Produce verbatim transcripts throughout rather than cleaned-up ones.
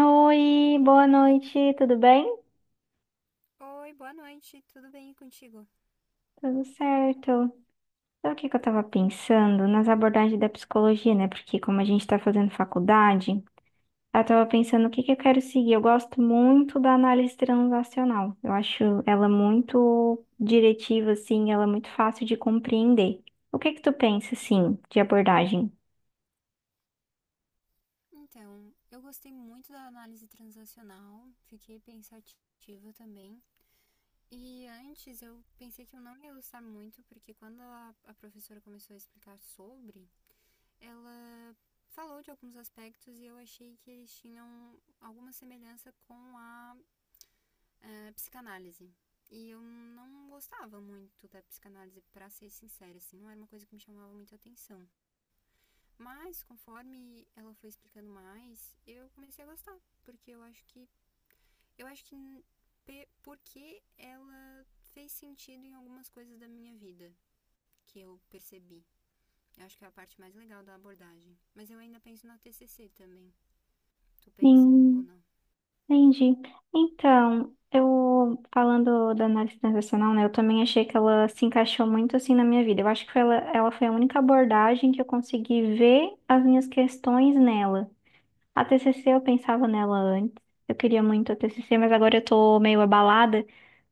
Oi, boa noite, tudo bem? Oi, boa noite, tudo bem contigo? Tudo certo. Sabe o que que eu tava pensando? Nas abordagens da psicologia, né? Porque como a gente tá fazendo faculdade, eu tava pensando o que que eu quero seguir. Eu gosto muito da análise transacional. Eu acho ela muito diretiva, assim, ela é muito fácil de compreender. O que que tu pensa, assim, de abordagem? Então, eu gostei muito da análise transacional, fiquei pensativa também. E antes eu pensei que eu não ia gostar muito, porque quando a, a professora começou a explicar sobre, ela falou de alguns aspectos e eu achei que eles tinham alguma semelhança com a, eh, psicanálise. E eu não gostava muito da psicanálise, pra ser sincera, assim, não era uma coisa que me chamava muita atenção. Mas conforme ela foi explicando mais, eu comecei a gostar, porque eu acho que eu acho que porque ela fez sentido em algumas coisas da minha vida que eu percebi. Eu acho que é a parte mais legal da abordagem. Mas eu ainda penso na T C C também. Tu pensa ou Sim. não? Entendi. Então, eu falando da análise transacional, né, eu também achei que ela se encaixou muito assim na minha vida. Eu acho que foi ela, ela foi a única abordagem que eu consegui ver as minhas questões nela. A T C C eu pensava nela antes. Eu queria muito a T C C, mas agora eu tô meio abalada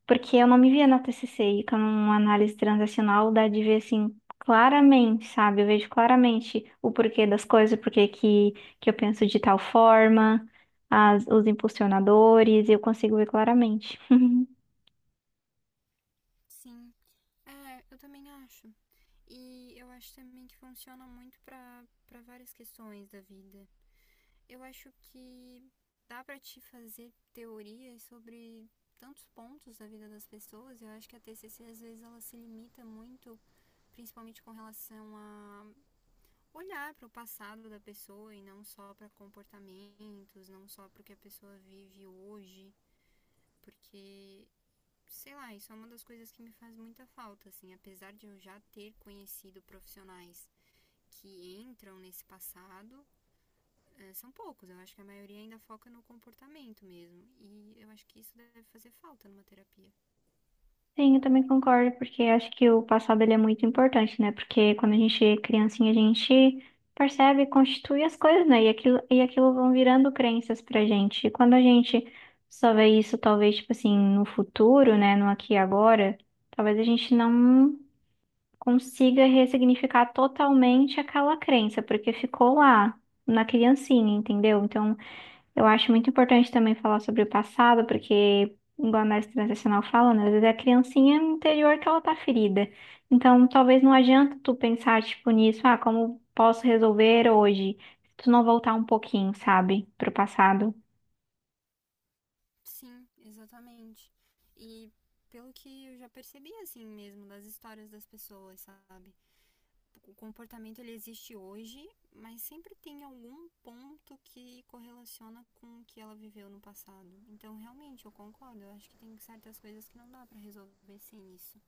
porque eu não me via na T C C e com uma análise transacional dá de ver assim claramente, sabe? Eu vejo claramente o porquê das coisas, o porquê que, que eu penso de tal forma, as, os impulsionadores, eu consigo ver claramente. Sim. É, eu também acho. E eu acho também que funciona muito para várias questões da vida. Eu acho que dá para te fazer teorias sobre tantos pontos da vida das pessoas. Eu acho que a T C C às vezes ela se limita muito, principalmente com relação a olhar para o passado da pessoa e não só para comportamentos, não só para o que a pessoa vive hoje, porque sei lá, isso é uma das coisas que me faz muita falta, assim, apesar de eu já ter conhecido profissionais que entram nesse passado, são poucos. Eu acho que a maioria ainda foca no comportamento mesmo. E eu acho que isso deve fazer falta numa terapia. Sim, eu também concordo, porque eu acho que o passado ele é muito importante, né? Porque quando a gente é criancinha, a gente percebe, constitui as coisas, né? E aquilo, e aquilo vão virando crenças pra gente. E quando a gente só vê isso, talvez, tipo assim, no futuro, né? No aqui e agora, talvez a gente não consiga ressignificar totalmente aquela crença, porque ficou lá na criancinha, entendeu? Então. Eu acho muito importante também falar sobre o passado, porque, igual a análise transacional fala, né, às vezes é a criancinha interior que ela tá ferida. Então, talvez não adianta tu pensar, tipo, nisso, ah, como posso resolver hoje? Se tu não voltar um pouquinho, sabe, pro passado. Sim, exatamente. E pelo que eu já percebi, assim mesmo, das histórias das pessoas, sabe? O comportamento ele existe hoje, mas sempre tem algum ponto que correlaciona com o que ela viveu no passado. Então, realmente, eu concordo. Eu acho que tem certas coisas que não dá para resolver sem isso.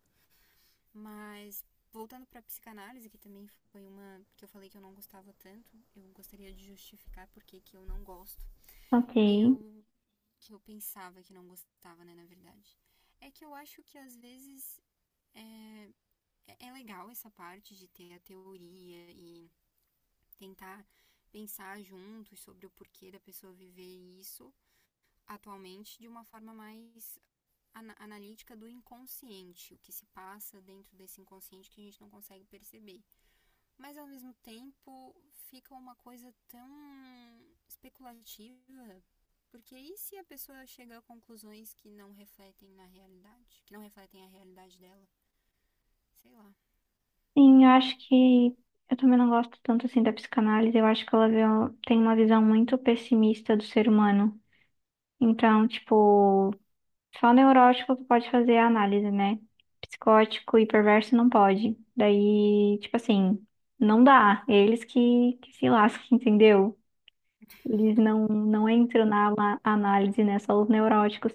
Mas voltando para a psicanálise, que também foi uma que eu falei que eu não gostava tanto, eu gostaria de justificar por que eu não gosto. Ok. Eu que eu pensava que não gostava, né, na verdade. É que eu acho que às vezes é é legal essa parte de ter a teoria e tentar pensar juntos sobre o porquê da pessoa viver isso atualmente de uma forma mais analítica do inconsciente, o que se passa dentro desse inconsciente que a gente não consegue perceber. Mas ao mesmo tempo fica uma coisa tão especulativa. Porque e se a pessoa chega a conclusões que não refletem na realidade? Que não refletem a realidade dela? Sei lá. Sim, eu acho que eu também não gosto tanto assim da psicanálise. Eu acho que ela vê- tem uma visão muito pessimista do ser humano. Então, tipo, só neurótico que pode fazer a análise, né? Psicótico e perverso não pode. Daí, tipo assim, não dá. Eles que, que se lascam, entendeu? Eles não, não entram na ala- análise, né? Só os neuróticos.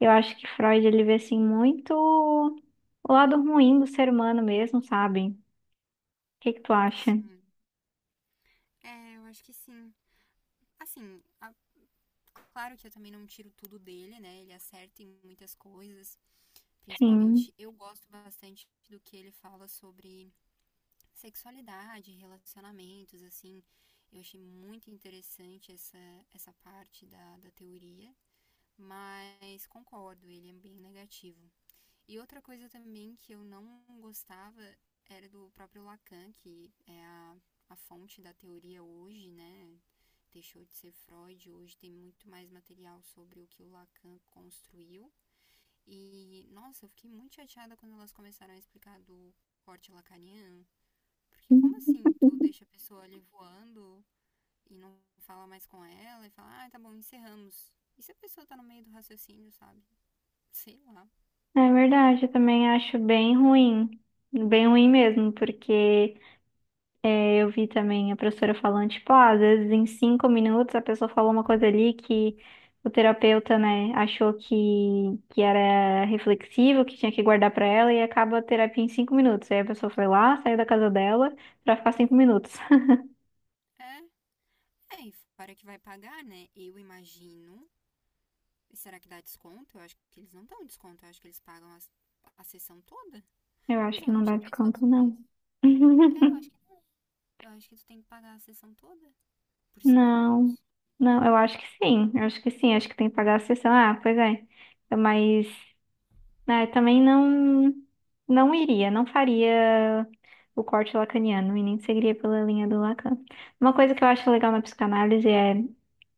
Eu acho que Freud, ele vê, assim, muito o lado ruim do ser humano mesmo, sabe? O que que tu acha? Sim. É, eu acho que sim. Assim, a- claro que eu também não tiro tudo dele, né? Ele acerta em muitas coisas. Sim. Principalmente, eu gosto bastante do que ele fala sobre sexualidade, relacionamentos, assim. Eu achei muito interessante essa, essa parte da, da teoria, mas concordo, ele é bem negativo. E outra coisa também que eu não gostava era do próprio Lacan, que é a, a fonte da teoria hoje, né? Deixou de ser Freud, hoje tem muito mais material sobre o que o Lacan construiu. E, nossa, eu fiquei muito chateada quando elas começaram a explicar do corte lacaniano, porque como assim tu deixa a pessoa ali voando e não fala mais com ela e fala, ah, tá bom, encerramos. E se a pessoa tá no meio do raciocínio, sabe? Sei lá. É verdade, eu também acho bem ruim. Bem ruim mesmo, porque... É, eu vi também a professora falando, tipo, ah, às vezes em cinco minutos a pessoa falou uma coisa ali que o terapeuta, né, achou que, que era reflexivo, que tinha que guardar pra ela e acaba a terapia em cinco minutos. Aí a pessoa foi lá, saiu da casa dela pra ficar cinco minutos. É, é, e para que vai pagar, né? Eu imagino. E será que dá desconto? Eu acho que eles não dão desconto, eu acho que eles pagam as- a, sessão toda. Eu acho Pois é, que eu não não dá tinha pensado desconto, sobre não. isso. É, eu acho que não. Eu acho que tu tem que pagar a sessão toda por cinco Não, minutos. não, eu acho que sim, eu acho que sim, acho que tem que pagar a sessão. Ah, pois é, mas né, também não, não iria, não faria o corte lacaniano e nem seguiria pela linha do Lacan. Uma coisa que eu acho legal na psicanálise é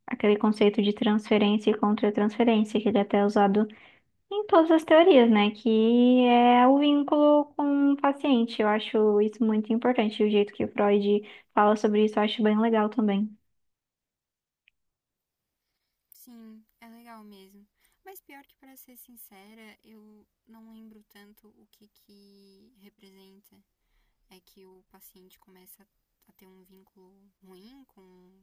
aquele conceito de transferência e contra-transferência, que ele é até é usado em todas as teorias, né? Que é o vínculo com o paciente. Eu acho isso muito importante. E o jeito que o Freud fala sobre isso, eu acho bem legal também. Sim, é legal mesmo. Mas pior que, para ser sincera, eu não lembro tanto o que que representa. É que o paciente começa a ter um vínculo ruim com,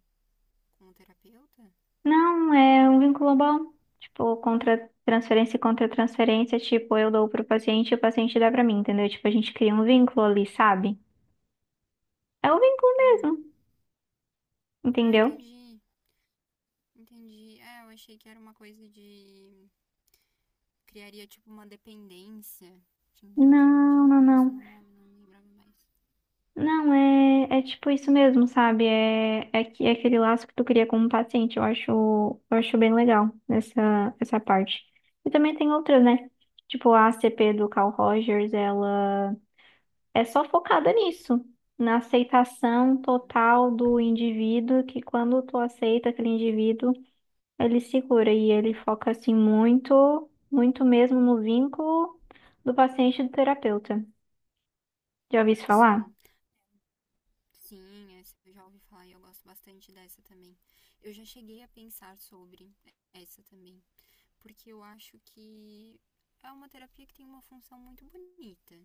com o terapeuta? Não, é um vínculo bom. Tipo, contra transferência e contra transferência, tipo, eu dou pro paciente e o paciente dá pra mim, entendeu? Tipo, a gente cria um vínculo ali, sabe? É o vínculo mesmo, Hum. Ah, entendeu? entendi. Entendi. É, eu achei que era uma coisa de. Criaria tipo uma dependência. Tinha entendido Não, de- não, nisso não. no nome, não lembrava mais. Não, é, é tipo isso mesmo, sabe? É, é, que- é aquele laço que tu cria com o paciente. Eu acho, eu acho bem legal essa, essa parte. E também tem outras, né? Tipo, a ACP do Carl Rogers, ela é só focada nisso, na aceitação total do indivíduo, que quando tu aceita aquele indivíduo, ele segura e ele foca assim muito, muito mesmo no vínculo do paciente e do terapeuta. Já ouvi isso falar? Sim. Sim, essa eu já ouvi falar e eu gosto bastante dessa também. Eu já cheguei a pensar sobre essa também, porque eu acho que é uma terapia que tem uma função muito bonita.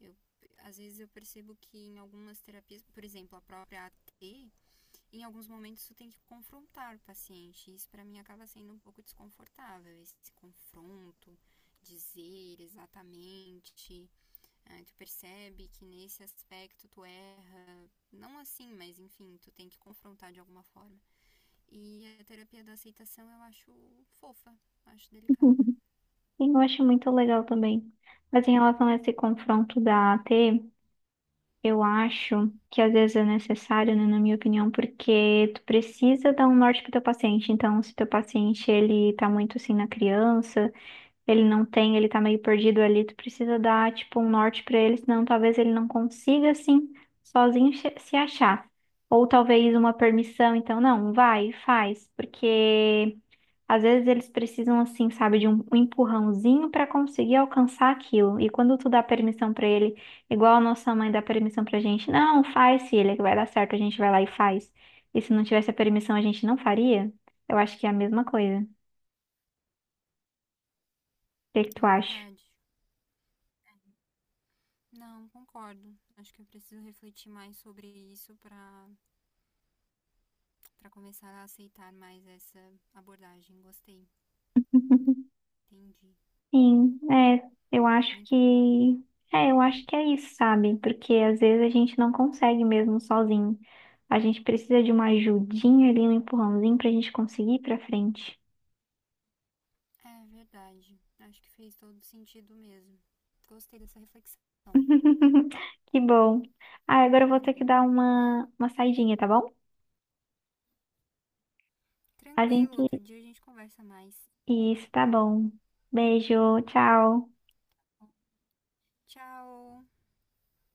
Eu às vezes eu percebo que em algumas terapias, por exemplo, a própria A T, em alguns momentos tu tem que confrontar o paciente. Isso para mim acaba sendo um pouco desconfortável, esse confronto, dizer exatamente ah, tu percebe que nesse aspecto tu erra, não assim, mas enfim, tu tem que confrontar de alguma forma. E a terapia da aceitação eu acho fofa, acho delicada. E eu acho muito legal também. Mas em relação a esse confronto da A T, eu acho que às vezes é necessário, né, na minha opinião, porque tu precisa dar um norte pro teu paciente. Então, se teu paciente ele tá muito assim na criança, ele não tem, ele tá meio perdido ali, tu precisa dar, tipo, um norte pra ele, senão talvez ele não consiga, assim, sozinho che- se achar. Ou talvez uma permissão, então, não, vai, faz, porque às vezes eles precisam, assim, sabe, de um, um empurrãozinho pra conseguir alcançar aquilo. E quando tu dá permissão pra ele, igual a nossa mãe dá permissão pra gente, não, faz, filha, que vai dar certo, a gente vai lá e faz. E se não tivesse a permissão, a gente não faria? Eu acho que é a mesma coisa. O que que É tu acha? verdade. Não, concordo. Acho que eu preciso refletir mais sobre isso para para começar a aceitar mais essa abordagem. Gostei. Entendi. Sim, é, eu acho Muito bom. que é, eu acho que é isso, sabe? Porque às vezes a gente não consegue mesmo sozinho. A gente precisa de uma ajudinha ali, um empurrãozinho pra gente conseguir ir pra frente. É verdade. Acho que fez todo sentido mesmo. Gostei dessa reflexão. Que bom. Ah, agora eu vou ter que Adorei. dar uma, uma saidinha, tá bom? A Tranquilo, gente. outro dia a gente conversa mais. Isso, tá bom. Beijo, tchau. Tchau!